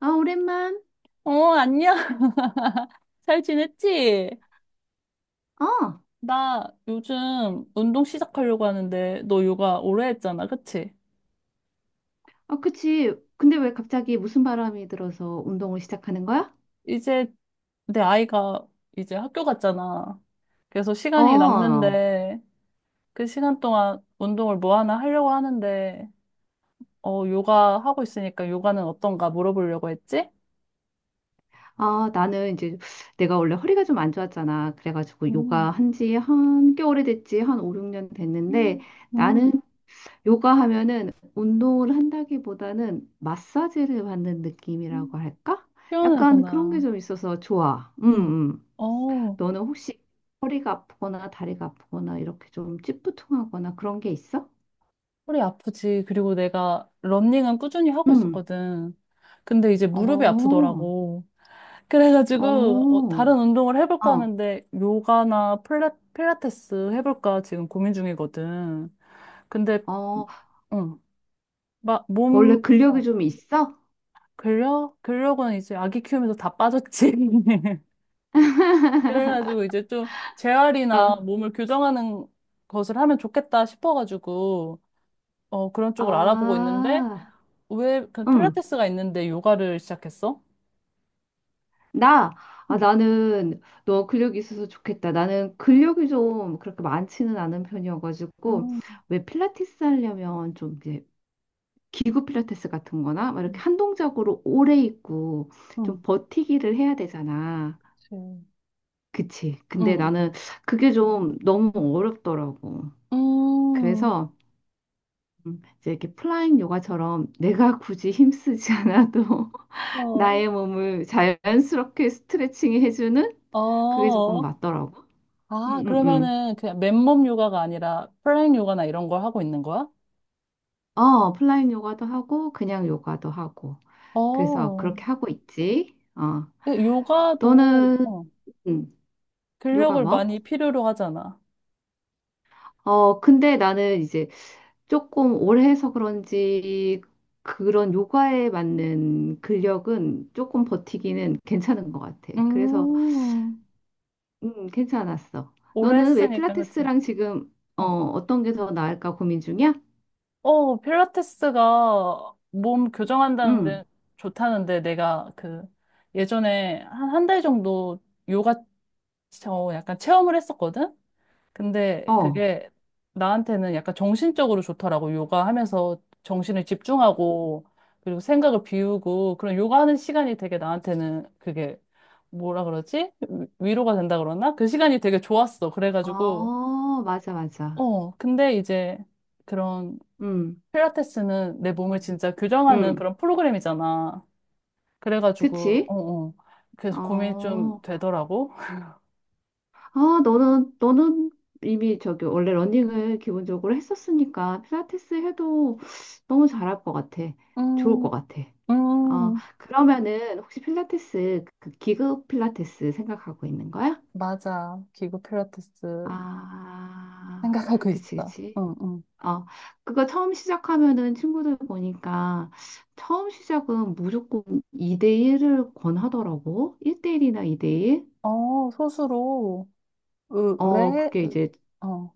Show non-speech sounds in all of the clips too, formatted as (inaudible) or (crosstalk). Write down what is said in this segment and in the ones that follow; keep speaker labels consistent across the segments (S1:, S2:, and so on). S1: 아, 오랜만.
S2: 어, 안녕. (laughs) 잘 지냈지?
S1: 어,
S2: 나 요즘 운동 시작하려고 하는데, 너 요가 오래 했잖아, 그치?
S1: 어, 그치. 근데 왜 갑자기 무슨 바람이 들어서 운동을 시작하는 거야?
S2: 이제 내 아이가 이제 학교 갔잖아. 그래서 시간이
S1: 어,
S2: 남는데, 그 시간 동안 운동을 뭐 하나 하려고 하는데, 요가 하고 있으니까 요가는 어떤가 물어보려고 했지?
S1: 아, 나는 이제 내가 원래 허리가 좀 안 좋았잖아. 그래가지고 요가
S2: 음,
S1: 한지 한 꽤 오래됐지. 한 5, 6년 됐는데
S2: 음, 음,
S1: 나는 요가 하면은 운동을 한다기보다는 마사지를 받는
S2: 음.
S1: 느낌이라고 할까? 약간 그런 게
S2: 시원하구나.
S1: 좀 있어서 좋아.
S2: 어,
S1: 너는 혹시 허리가 아프거나 다리가 아프거나 이렇게 좀 찌뿌둥하거나 그런 게 있어?
S2: 허리 아프지. 그리고 내가 러닝은 꾸준히 하고
S1: 응.
S2: 있었거든. 근데 이제
S1: 어,
S2: 무릎이
S1: 어,
S2: 아프더라고. 그래가지고
S1: 어,
S2: 다른 운동을 해볼까 하는데 요가나 필라테스 해볼까 지금 고민 중이거든. 근데
S1: 어.
S2: 응, 막
S1: 원래 근력이
S2: 어,
S1: 좀 있어?
S2: 근력? 근력은 이제 아기 키우면서 다 빠졌지. (laughs) 그래가지고 이제 좀 재활이나
S1: 어,
S2: 몸을 교정하는 것을 하면 좋겠다 싶어가지고 그런 쪽을 알아보고 있는데
S1: 아,
S2: 왜, 그
S1: 응.
S2: 필라테스가 있는데 요가를 시작했어?
S1: 나,
S2: 응,
S1: 나는 너 근력이 있어서 좋겠다. 나는 근력이 좀 그렇게 많지는 않은 편이어가지고,
S2: 음,
S1: 왜 필라테스 하려면 좀 이제 기구 필라테스 같은 거나 막 이렇게 한 동작으로 오래 있고
S2: 응,
S1: 좀 버티기를 해야 되잖아.
S2: 그치.
S1: 그치. 근데
S2: 응,
S1: 나는 그게 좀 너무 어렵더라고.
S2: 음,
S1: 그래서 이제 이렇게 플라잉 요가처럼 내가 굳이 힘쓰지 않아도 (laughs)
S2: 어,
S1: 나의 몸을 자연스럽게 스트레칭 해주는 그게 조금
S2: 어.
S1: 맞더라고.
S2: 아,
S1: 음, 음, 음.
S2: 그러면은 그냥 맨몸 요가가 아니라 플랭 요가나 이런 걸 하고 있는 거야?
S1: 어, 플라잉 요가도 하고 그냥 요가도 하고. 그래서
S2: 어,
S1: 그렇게 하고 있지. 어,
S2: 근데 요가도
S1: 너는. 음, 요가
S2: 근력을
S1: 뭐?
S2: 많이 필요로 하잖아.
S1: 어, 근데 나는 이제 조금 오래 해서 그런지 그런 요가에 맞는 근력은 조금 버티기는 괜찮은 것 같아. 그래서
S2: 음,
S1: 괜찮았어.
S2: 오래
S1: 너는 왜
S2: 했으니까, 그치?
S1: 필라테스랑 지금
S2: 어.
S1: 어떤 게 더 나을까 고민 중이야?
S2: 필라테스가 몸
S1: 응.
S2: 교정한다는데 좋다는데 내가 그 예전에 한 한달 정도 요가 저 약간 체험을 했었거든? 근데
S1: 어.
S2: 그게 나한테는 약간 정신적으로 좋더라고. 요가 하면서 정신을 집중하고 그리고 생각을 비우고 그런 요가 하는 시간이 되게 나한테는 그게 뭐라 그러지? 위로가 된다 그러나? 그 시간이 되게 좋았어. 그래가지고
S1: 아, 맞아, 맞아.
S2: 근데 이제 그런
S1: 음.
S2: 필라테스는 내 몸을 진짜 교정하는
S1: 음.
S2: 그런 프로그램이잖아. 그래가지고,
S1: 그치?
S2: 어, 어. 그래서 고민이 좀
S1: 어.
S2: 되더라고.
S1: 아, 너는 이미 저기 원래 러닝을 기본적으로 했었으니까 필라테스 해도 너무 잘할 것 같아. 좋을
S2: 음,
S1: 것 같아. 어,
S2: 음,
S1: 그러면은 혹시 필라테스 그 기구 필라테스 생각하고 있는 거야?
S2: 맞아. 기구 필라테스
S1: 아,
S2: 생각하고
S1: 그치,
S2: 있어.
S1: 그치.
S2: 응, 응.
S1: 어, 그거 처음 시작하면은 친구들 보니까 처음 시작은 무조건 2대1을 권하더라고. 1대1이나 2대1.
S2: 소수로, 으,
S1: 어,
S2: 왜,
S1: 그게 이제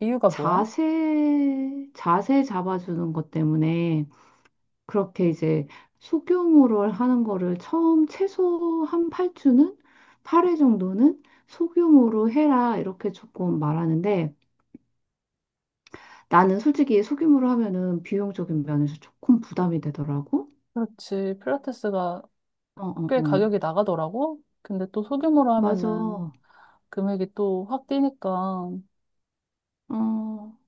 S2: 이유가 뭐야?
S1: 자세 잡아주는 것 때문에 그렇게 이제 소규모를 하는 거를 처음 최소 한 8주는? 팔 회 정도는 소규모로 해라. 이렇게 조금 말하는데 나는 솔직히 소규모로 하면은 비용적인 면에서 조금 부담이 되더라고.
S2: 그렇지. 필라테스가
S1: 어, 어,
S2: 꽤
S1: 어.
S2: 가격이 나가더라고. 근데 또 소규모로
S1: 맞아.
S2: 하면은
S1: 어,
S2: 금액이 또 확 뛰니까.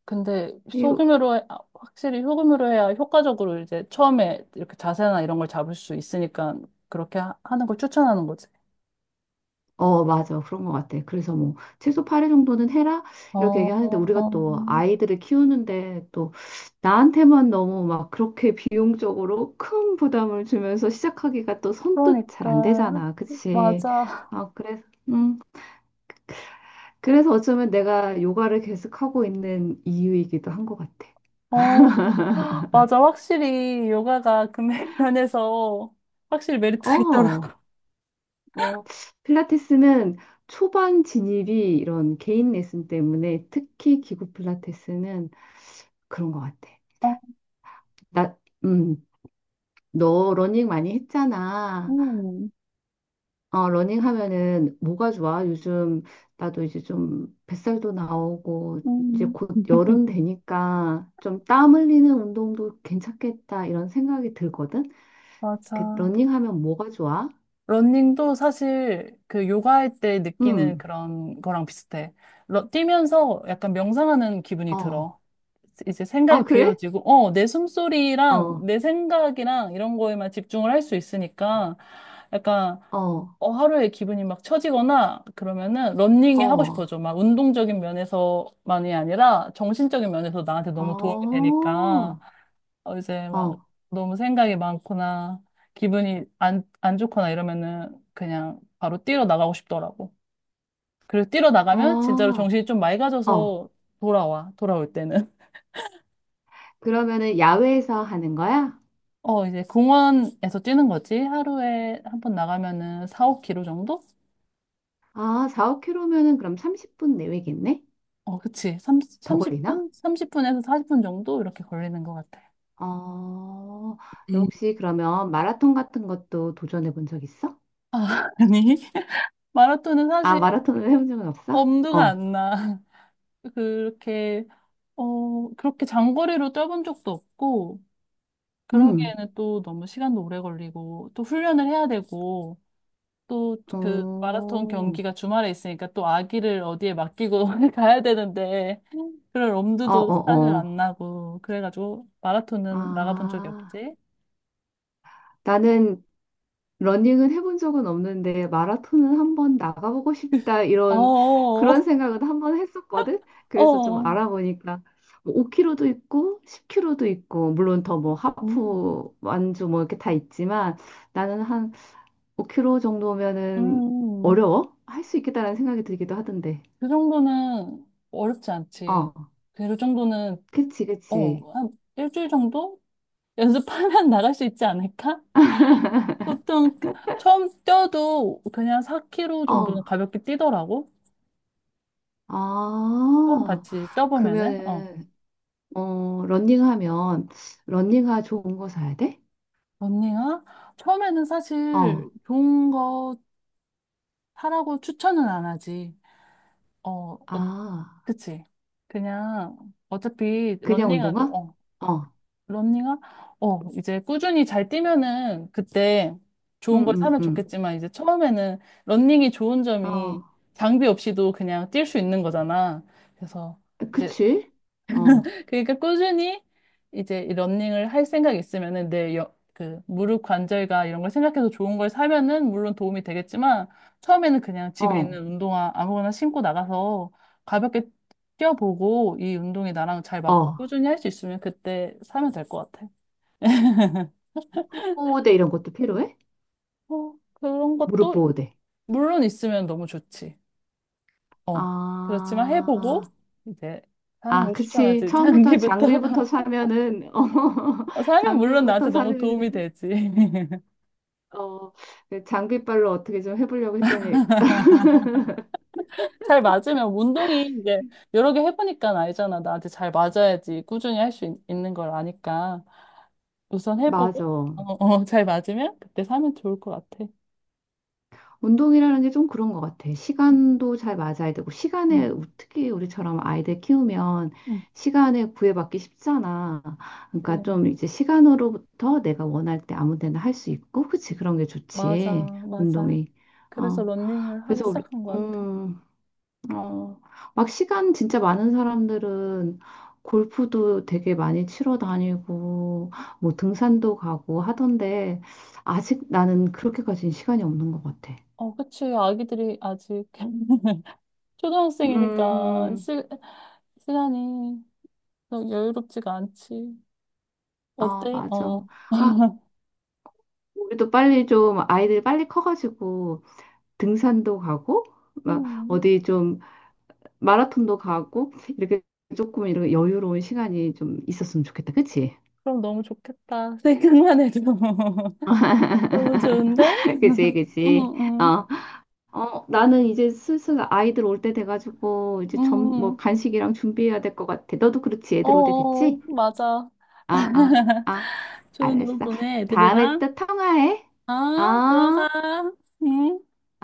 S2: 근데
S1: 이,
S2: 아, 확실히 소금으로 해야 효과적으로 이제 처음에 이렇게 자세나 이런 걸 잡을 수 있으니까 그렇게 하, 는걸 추천하는 거지.
S1: 맞아. 그런 것 같아. 그래서 뭐, 최소 8회 정도는 해라? 이렇게 얘기하는데, 우리가
S2: 어,
S1: 또 아이들을 키우는데, 또 나한테만 너무 막 그렇게 비용적으로 큰 부담을 주면서 시작하기가 또 선뜻 잘 안
S2: 그러니까
S1: 되잖아. 그치?
S2: 맞아.
S1: 아, 음, 그래서 어쩌면 내가 요가를 계속하고 있는 이유이기도 한 것 같아.
S2: 어, 맞아. 확실히 요가가 금액 (laughs) 면에서 확실히 메리트가
S1: 어,
S2: 있더라고.
S1: 어, 필라테스는 초반 진입이 이런 개인 레슨 때문에 특히 기구 필라테스는 그런 것 같아.
S2: 어,
S1: 나, 음, 너 러닝 많이 했잖아.
S2: 음,
S1: 어, 러닝 하면은 뭐가 좋아? 요즘 나도 이제 좀 뱃살도 나오고 이제
S2: 음,
S1: 곧 여름 되니까 좀 땀 흘리는 운동도 괜찮겠다 이런 생각이 들거든. 그
S2: 맞아.
S1: 러닝 하면 뭐가 좋아?
S2: 러닝도 사실 그 요가할 때 느끼는
S1: 음,
S2: 그런 거랑 비슷해. 뛰면서 약간 명상하는 기분이
S1: 어,
S2: 들어. 이제 생각이
S1: 아 그래?
S2: 비워지고, 내 숨소리랑
S1: 어,
S2: 내 생각이랑 이런 거에만 집중을 할 수 있으니까 약간
S1: 어,
S2: 하루에 기분이 막 처지거나 그러면은 러닝이 하고
S1: 어.
S2: 싶어져. 막 운동적인 면에서만이 아니라 정신적인 면에서 나한테 너무 도움이 되니까.
S1: 어,
S2: 이제 막
S1: 어,
S2: 너무 생각이 많거나 기분이 안 좋거나 이러면은 그냥 바로 뛰러 나가고 싶더라고. 그리고 뛰러 나가면 진짜로
S1: 아,
S2: 정신이 좀
S1: 어.
S2: 맑아져서 돌아와, 돌아올 때는. (laughs)
S1: 그러면은 야외에서 하는 거야?
S2: 이제 공원에서 뛰는 거지. 하루에 한 번 나가면은 4, 5 킬로 정도?
S1: 아, 4, 억 k 로면은 그럼 30분 내외겠네?
S2: 어, 그치. 30,
S1: 더
S2: 3
S1: 걸리나?
S2: 분 30분에서 40분 정도? 이렇게 걸리는 것 같아.
S1: 어, 너
S2: 음.
S1: 혹시 그러면 마라톤 같은 것도 도전해 본 적 있어?
S2: 아, (laughs) 아니. 마라톤은
S1: 아,
S2: 사실
S1: 마라톤을 해본 적은 없어?
S2: 엄두가
S1: 어,
S2: 안 나. (laughs) 그렇게 그렇게 장거리로 뛰어본 적도 없고,
S1: 음,
S2: 그러기에는 또 너무 시간도 오래 걸리고, 또 훈련을 해야 되고, 또 그
S1: 어,
S2: 마라톤 경기가 주말에 있으니까 또 아기를 어디에 맡기고 (laughs) 가야 되는데, 그럴
S1: 어,
S2: 엄두도
S1: 어,
S2: 사실
S1: 어.
S2: 안 나고, 그래가지고 마라톤은 나가본 적이
S1: 아,
S2: 없지.
S1: 나는 러닝은 해본 적은 없는데 마라톤은 한번 나가보고 싶다
S2: 어,
S1: 이런
S2: 어,
S1: 그런 생각은 한번 했었거든. 그래서 좀
S2: 어.
S1: 알아보니까 5km도 있고 10km도 있고 물론 더 뭐
S2: 음,
S1: 하프 완주 뭐 이렇게 다 있지만 나는 한 5km 정도면은
S2: 음.
S1: 어려워? 할 수 있겠다라는 생각이 들기도 하던데.
S2: 그 정도는 어렵지 않지.
S1: 어,
S2: 그 정도는,
S1: 그치, 그치.
S2: 한 일주일 정도? 연습하면 (laughs) 나갈 수 있지 않을까? 보통 처음 뛰어도 그냥 4km
S1: 어,
S2: 정도는 가볍게 뛰더라고. 처음
S1: 아,
S2: 같이 뛰어보면은. 어.
S1: 그러면은 러닝하면 러닝화 좋은 거 사야 돼?
S2: 언니가 처음에는 사실
S1: 어,
S2: 좋은 거 사라고 추천은 안 하지. 어, 어
S1: 아.
S2: 그치. 그냥 어차피
S1: 그냥
S2: 런닝화도,
S1: 운동화? 어,
S2: 런닝화? 이제 꾸준히 잘 뛰면은 그때
S1: 응,
S2: 좋은 걸
S1: 응,
S2: 사면
S1: 응.
S2: 좋겠지만 이제 처음에는 런닝이 좋은
S1: 어,
S2: 점이 장비 없이도 그냥 뛸 수 있는 거잖아. 그래서 이제
S1: 그치? 어,
S2: 그러니까 꾸준히 이제 이 러닝을 할 생각 있으면은 내 그 무릎 관절과 이런 걸 생각해서 좋은 걸 사면은 물론 도움이 되겠지만 처음에는 그냥 집에
S1: 어,
S2: 있는 운동화 아무거나 신고 나가서 가볍게 뛰어보고 이 운동이 나랑 잘 맞고
S1: 어.
S2: 꾸준히 할 수 있으면 그때 사면 될 것 같아.
S1: 무릎 보호대 이런 것도 필요해?
S2: 그런
S1: 무릎
S2: 것도
S1: 보호대.
S2: 물론 있으면 너무 좋지. 어. 그렇지만 해보고
S1: 아,
S2: 이제 사는
S1: 아,
S2: 걸
S1: 그치.
S2: 추천하지.
S1: 처음부터
S2: 장기부터.
S1: 장비부터
S2: (laughs)
S1: 사면은, (laughs) 어,
S2: 사면 물론 나한테
S1: 장비부터
S2: 너무 도움이
S1: 사면은,
S2: 되지. (laughs)
S1: 어, 장비빨로 어떻게 좀 해보려고 했더니,
S2: 잘 맞으면 운동이 이제 여러 개 해보니까 알잖아. 나한테 잘 맞아야지 꾸준히 할 수 있는 걸 아니까 우선
S1: 맞아.
S2: 해보고 (laughs) 잘 맞으면 그때 사면 좋을 것 같아.
S1: 운동이라는 게 좀 그런 것 같아. 시간도 잘 맞아야 되고, 시간에,
S2: 응,
S1: 특히 우리처럼 아이들 키우면
S2: 응.
S1: 시간에 구애받기 쉽잖아. 그러니까
S2: 그래.
S1: 좀 이제 시간으로부터 내가 원할 때 아무 데나 할 수 있고, 그치? 그런 게
S2: 맞아,
S1: 좋지.
S2: 맞아.
S1: 운동이.
S2: 그래서
S1: 어,
S2: 런닝을 하기
S1: 그래서 우리,
S2: 시작한 것 같아.
S1: 음, 어, 막 시간 진짜 많은 사람들은 골프도 되게 많이 치러 다니고, 뭐 등산도 가고 하던데, 아직 나는 그렇게까지는 시간이 없는 것 같아.
S2: 어, 그치. 아기들이 아직 (laughs) 초등학생이니까
S1: 음,
S2: 시간이 좀 여유롭지가 않지.
S1: 아,
S2: 어때?
S1: 맞아.
S2: 어.
S1: 아,
S2: (laughs)
S1: 우리도 빨리 좀 아이들이 빨리 커가지고 등산도 가고, 막
S2: 음,
S1: 어디 좀 마라톤도 가고, 이렇게 조금 이런 여유로운 시간이 좀 있었으면 좋겠다. 그치?
S2: 그럼 너무 좋겠다. 생각만 해도. (laughs) 너무 좋은데?
S1: (laughs) 그치,
S2: (laughs) 응,
S1: 그치.
S2: 응,
S1: 어, 어, 나는 이제 슬슬 아이들 올 때 돼가지고 이제 뭐
S2: 응.
S1: 간식이랑 준비해야 될 것 같아. 너도 그렇지?
S2: 어,
S1: 애들 올 때
S2: 어,
S1: 됐지?
S2: 맞아.
S1: 아, 아,
S2: (laughs)
S1: 아,
S2: 좋은 오후
S1: 알았어.
S2: 보내,
S1: 다음에
S2: 애들이랑.
S1: 또 통화해.
S2: 어, 들어가.
S1: 어?
S2: 응.